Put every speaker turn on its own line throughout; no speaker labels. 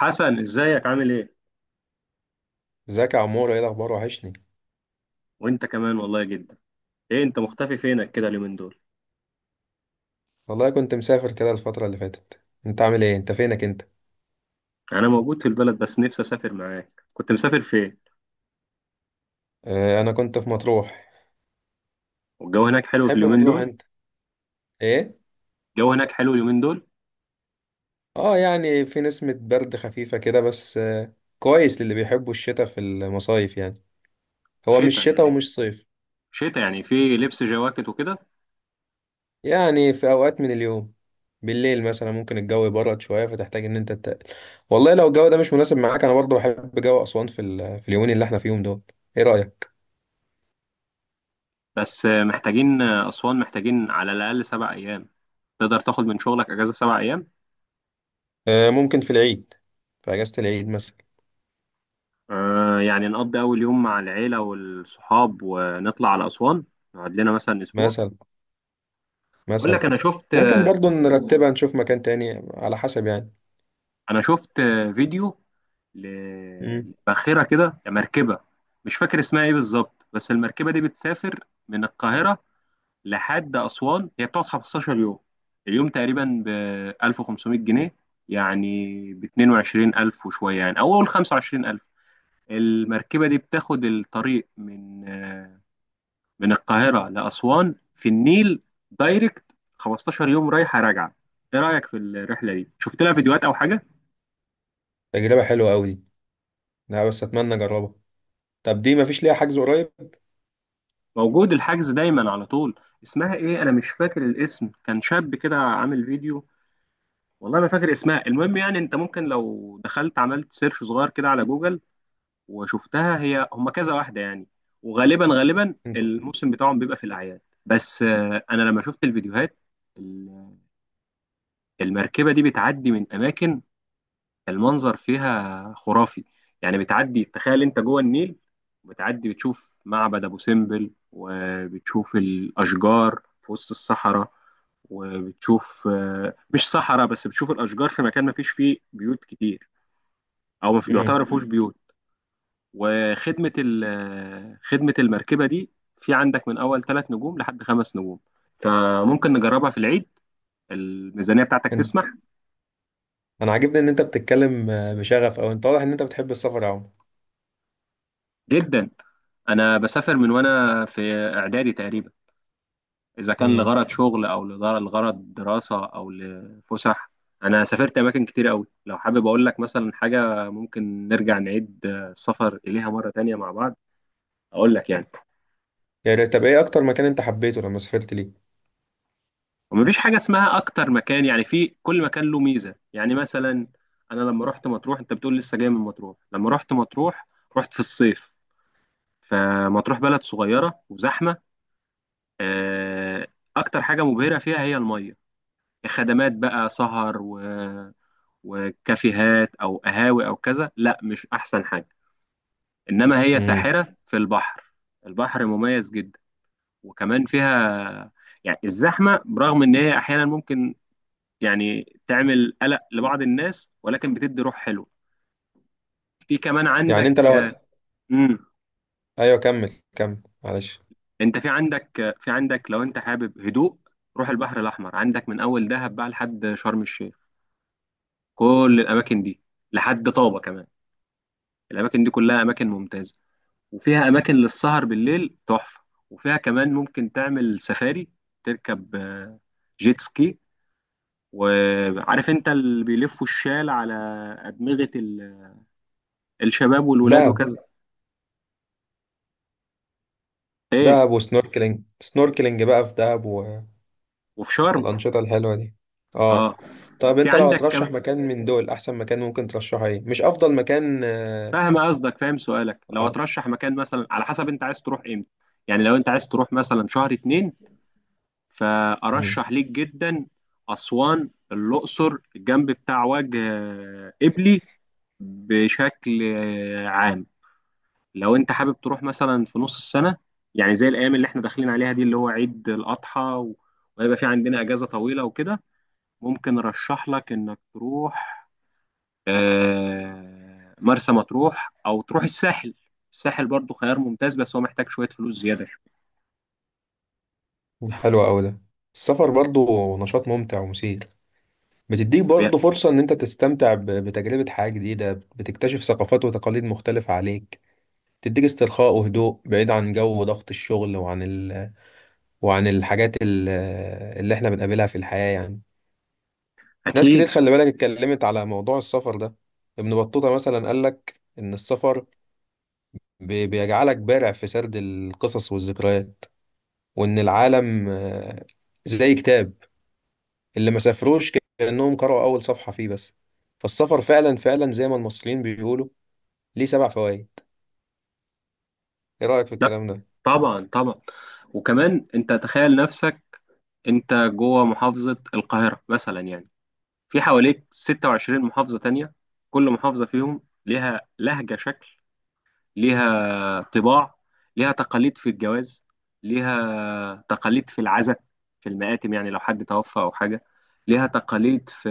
حسن، ازيك؟ عامل ايه؟
ازيك يا عمور؟ ايه الاخبار؟ وحشني.
وانت كمان، والله جدا. ايه انت مختفي؟ فينك كده اليومين دول؟
والله كنت مسافر كده الفتره اللي فاتت. انت عامل ايه؟ انت فينك انت؟
يعني انا موجود في البلد بس نفسي اسافر معاك. كنت مسافر فين؟
اه، انا كنت في مطروح.
والجو هناك حلو في
تحب
اليومين
مطروح
دول؟
انت؟ ايه؟
الجو هناك حلو اليومين دول؟
اه، يعني في نسمه برد خفيفه كده بس كويس للي بيحبوا الشتاء في المصايف يعني. هو مش
شتاء
شتاء
يعني؟
ومش صيف.
شتاء يعني في لبس جواكت وكده؟
يعني في اوقات من اليوم، بالليل مثلا ممكن الجو يبرد شويه فتحتاج ان انت تتقل. والله لو الجو ده مش مناسب معاك، انا برضه بحب جو اسوان في اليومين اللي احنا فيهم دول. ايه رايك؟
بس محتاجين اسوان، محتاجين على الاقل سبع ايام. تقدر تاخد من شغلك اجازة سبع ايام؟
اه، ممكن في العيد، في اجازه العيد مثلا.
آه، يعني نقضي اول يوم مع العيلة والصحاب ونطلع على اسوان، نقعد لنا مثلا اسبوع.
مثلا
اقول
مثلا
لك انا شفت
ممكن برضو نرتبها، نشوف مكان تاني على حسب يعني.
انا شفت فيديو
امم.
لباخرة كده، مركبة. مش فاكر اسمها ايه بالظبط، بس المركبة دي بتسافر من القاهرة لحد أسوان. هي بتقعد 15 يوم، اليوم تقريبا ب 1500 جنيه، يعني ب 22000 وشوية، يعني أو أول 25000. المركبة دي بتاخد الطريق من القاهرة لأسوان في النيل، دايركت 15 يوم رايحة راجعة. ايه رأيك في الرحلة دي؟ شفت لها فيديوهات أو حاجة؟
تجربة حلوة أوي دي. لا، بس أتمنى أجربها. طب دي مفيش ليها حجز قريب؟
موجود، الحجز دايما على طول. اسمها ايه، انا مش فاكر الاسم. كان شاب كده عامل فيديو، والله ما فاكر اسمها. المهم يعني انت ممكن لو دخلت عملت سيرش صغير كده على جوجل وشفتها. هي هما كذا واحدة يعني، وغالبا غالبا
انت.
الموسم بتاعهم بيبقى في الاعياد. بس انا لما شفت الفيديوهات، ال- المركبة دي بتعدي من اماكن، المنظر فيها خرافي. يعني بتعدي، تخيل انت جوه النيل، بتعدي بتشوف معبد ابو سمبل وبتشوف الاشجار في وسط الصحراء، وبتشوف مش صحراء، بس بتشوف الاشجار في مكان ما فيش فيه بيوت كتير، او ما في- يعتبر
امم.
ما فيهوش بيوت. وخدمه ال- آه، خدمه المركبه دي، في عندك من اول ثلاث نجوم لحد خمس نجوم، فممكن نجربها في العيد. الميزانيه بتاعتك
انت
تسمح؟
أنا عاجبني إن أنت بتتكلم بشغف، أو أنت واضح إن أنت بتحب السفر يا عمر.
جدا، انا بسافر من وانا في اعدادي تقريبا، إذا كان
امم.
لغرض شغل أو لغرض دراسة أو لفسح. أنا سافرت أماكن كتير أوي، لو حابب أقول لك مثلا حاجة ممكن نرجع نعيد السفر إليها مرة تانية مع بعض أقول لك يعني.
يعني طب إيه أكتر مكان أنت حبيته لما سافرت ليه؟
ومفيش حاجة اسمها أكتر مكان، يعني في كل مكان له ميزة. يعني مثلا، أنا لما رحت مطروح، أنت بتقول لسه جاي من مطروح، لما رحت مطروح رحت في الصيف. فمطروح بلد صغيرة وزحمة. آه، أكتر حاجة مبهرة فيها هي المية. خدمات بقى سهر وكافيهات او قهاوي او كذا، لا، مش احسن حاجه، انما هي
امم.
ساحره في البحر. البحر مميز جدا، وكمان فيها، يعني الزحمه برغم ان هي احيانا ممكن يعني تعمل قلق لبعض الناس، ولكن بتدي روح حلوه. في كمان
يعني
عندك.
أنت لو هت...
امم.
أيوه، كمل كمل، معلش.
انت في عندك لو انت حابب هدوء، روح البحر الاحمر. عندك من اول دهب بقى لحد شرم الشيخ، كل الاماكن دي، لحد طابه كمان. الاماكن دي كلها اماكن ممتازه، وفيها اماكن للسهر بالليل تحفه، وفيها كمان ممكن تعمل سفاري، تركب جيت سكي، وعارف انت اللي بيلفوا الشال على ادمغه الشباب والولاد
دهب.
وكذا. ايه؟
دهب وسنوركلينج بقى في دهب.
وفي شرم.
والأنشطة الحلوة دي. اه.
اه،
طب
في
انت لو
عندك كمان.
هترشح مكان من دول، احسن مكان ممكن ترشحه ايه؟ مش افضل مكان، اه.
فاهم قصدك، فاهم سؤالك. لو
آه.
هترشح مكان مثلا، على حسب انت عايز تروح امتى. يعني لو انت عايز تروح مثلا شهر اتنين،
مم.
فارشح ليك جدا اسوان، الاقصر، الجنب بتاع وجه قبلي بشكل عام. لو انت حابب تروح مثلا في نص السنة، يعني زي الأيام اللي احنا داخلين عليها دي اللي هو عيد الأضحى وهيبقى في عندنا أجازة طويلة وكده، ممكن أرشح لك إنك تروح مرسى مطروح أو تروح الساحل. الساحل برضو خيار ممتاز، بس هو محتاج شوية فلوس زيادة.
حلو قوي ده. السفر برضو نشاط ممتع ومثير، بتديك برضو
شوية.
فرصة ان انت تستمتع بتجربة حياة جديدة، بتكتشف ثقافات وتقاليد مختلفة عليك. تديك استرخاء وهدوء بعيد عن جو ضغط الشغل، وعن وعن الحاجات اللي احنا بنقابلها في الحياة يعني. ناس كتير،
أكيد.
خلي بالك، اتكلمت على موضوع السفر ده. ابن بطوطة مثلا قال لك ان السفر بيجعلك بارع في سرد القصص والذكريات. وإن العالم زي كتاب، اللي ما سافروش كأنهم قرأوا أول صفحة فيه بس. فالسفر فعلا فعلا زي ما المصريين بيقولوا، ليه سبع فوائد. إيه رأيك في
لا،
الكلام ده؟
طبعا طبعا، وكمان أنت تخيل نفسك. أنت جوه محافظة القاهرة مثلا، يعني في حواليك 26 محافظة تانية، كل محافظة فيهم ليها لهجة، شكل، ليها طباع، ليها تقاليد في الجواز، ليها تقاليد في العزاء، في المآتم، يعني لو حد توفى أو حاجة، ليها تقاليد في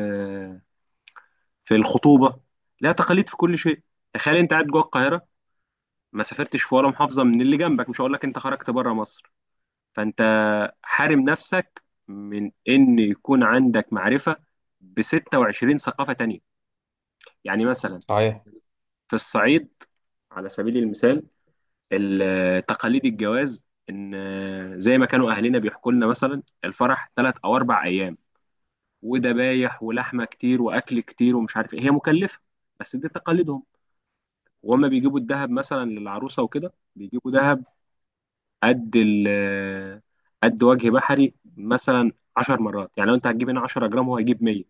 في الخطوبة، ليها تقاليد في كل شيء. تخيل أنت قاعد جوه القاهرة، ما سافرتش في ولا محافظة من اللي جنبك، مش هقول لك أنت خرجت بره مصر، فأنت حارم نفسك من إن يكون عندك معرفة ب 26 ثقافة تانية. يعني مثلا،
صحيح.
في الصعيد على سبيل المثال، تقاليد الجواز ان زي ما كانوا اهلنا بيحكوا لنا، مثلا الفرح ثلاث او اربع ايام، وذبايح ولحمه كتير واكل كتير ومش عارف ايه، هي مكلفه، بس دي تقاليدهم. وهما بيجيبوا الذهب مثلا للعروسه وكده، بيجيبوا ذهب قد ال قد وجه بحري مثلا 10 مرات. يعني لو انت هتجيب هنا 10 جرام هو هيجيب 100،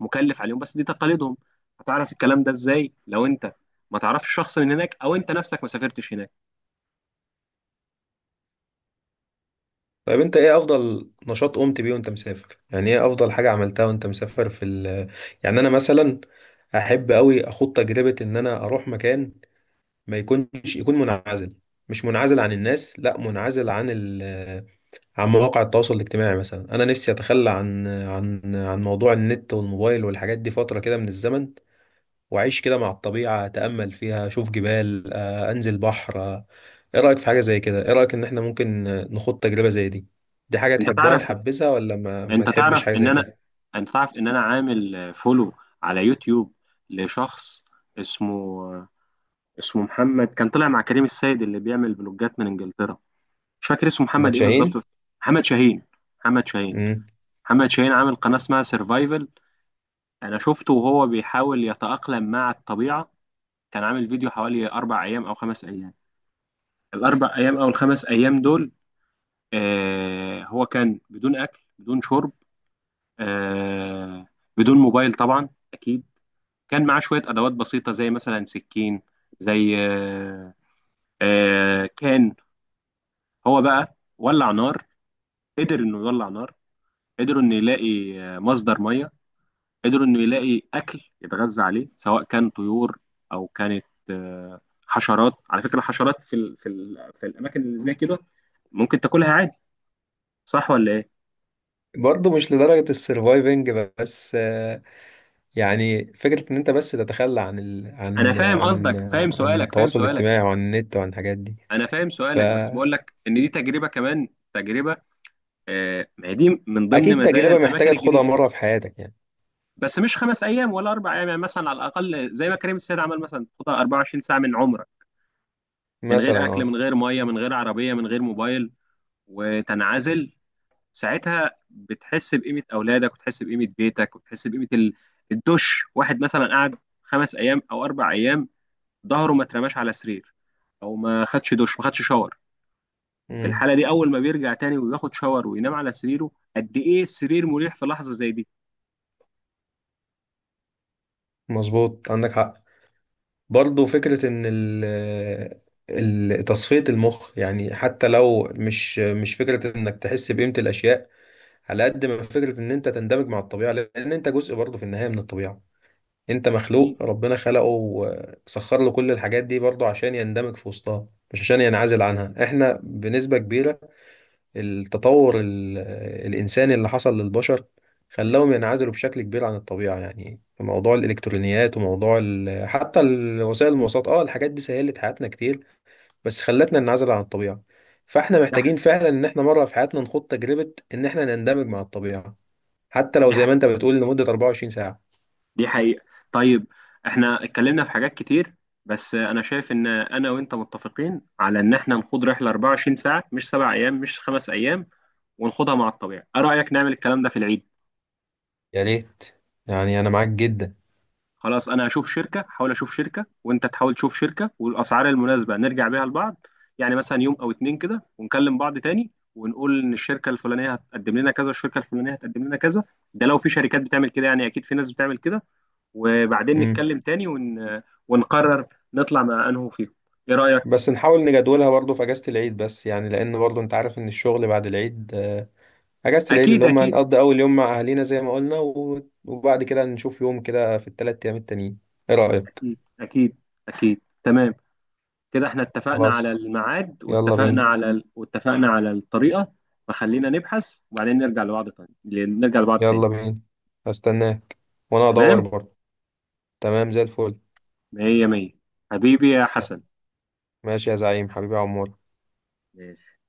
مكلف عليهم، بس دي تقاليدهم. هتعرف الكلام ده ازاي لو انت ما تعرفش شخص من هناك او انت نفسك ما سافرتش هناك؟
طيب أنت إيه أفضل نشاط قمت بيه وأنت مسافر؟ يعني إيه أفضل حاجة عملتها وأنت مسافر في ال يعني أنا مثلا. أحب أوي أخوض تجربة إن أنا أروح مكان ما يكونش يكون منعزل. مش منعزل عن الناس، لا منعزل عن مواقع التواصل الاجتماعي. مثلا انا نفسي اتخلى عن موضوع النت والموبايل والحاجات دي فتره كده من الزمن. واعيش كده مع الطبيعه، اتامل فيها، اشوف جبال، انزل بحر. ايه رايك في حاجه زي كده؟ ايه رايك ان احنا ممكن نخوض تجربه زي دي؟ دي حاجه
انت تعرف
تحبذها، ولا ما
انت
تحبش
تعرف
حاجه
ان
زي
انا
كده؟
انت تعرف ان انا عامل فولو على يوتيوب لشخص اسمه اسمه محمد، كان طلع مع كريم السيد اللي بيعمل فلوجات من انجلترا. مش فاكر اسمه
ما
محمد ايه
تشاهين؟
بالظبط. محمد شاهين. محمد شاهين
امم.
محمد شاهين عامل قناة اسمها سيرفايفل. انا شفته وهو بيحاول يتأقلم مع الطبيعة، كان عامل فيديو حوالي اربع ايام او خمس ايام. الاربع ايام او الخمس ايام دول هو كان بدون اكل، بدون شرب، آه بدون موبايل طبعا، اكيد. كان معاه شويه ادوات بسيطه، زي مثلا سكين، زي آه آه كان هو بقى ولع نار، قدر انه يولع نار، قدروا انه يلاقي مصدر ميه، قدروا انه يلاقي اكل يتغذى عليه، سواء كان طيور او كانت آه حشرات. على فكره الحشرات في الاماكن اللي زي كده ممكن تاكلها عادي، صح ولا ايه؟
برضه مش لدرجه السرفايفنج، بس يعني فكره ان انت بس تتخلى عن ال...
انا
عن
فاهم
عن
قصدك، فاهم
عن
سؤالك فاهم
التواصل
سؤالك
الاجتماعي وعن النت وعن الحاجات دي.
انا فاهم
ف
سؤالك بس بقول لك ان دي تجربه كمان، تجربه، ما هي دي من ضمن
اكيد
مزايا
تجربه محتاجه
الاماكن
تاخدها
الجديده.
مره في حياتك يعني.
بس مش خمس ايام ولا اربع ايام، يعني مثلا على الاقل زي ما كريم السيد عمل، مثلا تاخدها 24 ساعه من عمرك، من
مثلا،
غير اكل،
اه.
من غير ميه، من غير عربيه، من غير موبايل، وتنعزل. ساعتها بتحس بقيمه اولادك وتحس بقيمه بيتك وتحس بقيمه الدش. واحد مثلا قعد خمس ايام او اربع ايام، ظهره ما اترماش على سرير، او ما خدش دش، ما خدش شاور. في
امم.
الحاله دي، اول ما بيرجع تاني وياخد شاور وينام على سريره، قد ايه السرير مريح في لحظه زي دي!
مظبوط، عندك حق. برضو فكره ان تصفيه المخ، يعني حتى لو مش فكره انك تحس بقيمه الاشياء، على قد ما فكره ان انت تندمج مع الطبيعه، لان انت جزء برضو في النهايه من الطبيعه. انت
أكيد.
مخلوق ربنا خلقه وسخر له كل الحاجات دي برضو عشان يندمج في وسطها، مش عشان ينعزل عنها. احنا بنسبه كبيره التطور الإنساني اللي حصل للبشر خلاهم ينعزلوا بشكل كبير عن الطبيعة. يعني في موضوع الإلكترونيات، وموضوع وسائل المواصلات، اه الحاجات دي سهلت حياتنا كتير، بس خلتنا ننعزل عن الطبيعة. فاحنا
دي ح-
محتاجين فعلا ان احنا مرة في حياتنا نخوض تجربة ان احنا نندمج مع الطبيعة، حتى لو
دي
زي
ح-
ما انت بتقول لمدة 24 ساعة.
دي حقيقة. طيب، احنا اتكلمنا في حاجات كتير، بس انا شايف ان انا وانت متفقين على ان احنا نخوض رحلة 24 ساعة، مش سبع ايام، مش خمس ايام، ونخوضها مع الطبيعة. ايه رأيك نعمل الكلام ده في العيد؟
يا ريت، يعني انا معاك جدا.
خلاص، انا هشوف شركة، حاول اشوف شركة، وانت تحاول تشوف شركة، والاسعار المناسبة نرجع بيها لبعض. يعني مثلا يوم او اتنين كده، ونكلم بعض تاني ونقول ان الشركة الفلانية هتقدم لنا كذا، الشركة الفلانية هتقدم لنا كذا. ده لو في شركات بتعمل كده، يعني اكيد في ناس بتعمل كده، وبعدين
مم.
نتكلم تاني ون... ونقرر نطلع مع انه فيهم. ايه رأيك؟
بس نحاول نجدولها برضه في اجازة العيد، بس يعني لان برضه انت عارف ان الشغل بعد العيد. اجازة العيد اللي
اكيد،
هم
اكيد،
هنقضي اول يوم مع اهالينا زي ما قلنا، وبعد كده نشوف يوم كده في الثلاث ايام التانيين. ايه رأيك؟
اكيد، اكيد، اكيد، تمام. كده احنا اتفقنا
خلاص.
على الميعاد،
يلا
واتفقنا
بينا.
على ال... واتفقنا على الطريقة، فخلينا نبحث وبعدين نرجع لبعض تاني، نرجع لبعض تاني.
يلا بينا. هستناك، وانا ادور
تمام،
برضه. تمام زي الفل.
مية مية. حبيبي يا حسن.
ماشي يا زعيم، حبيبي يا عمور.
ماشي.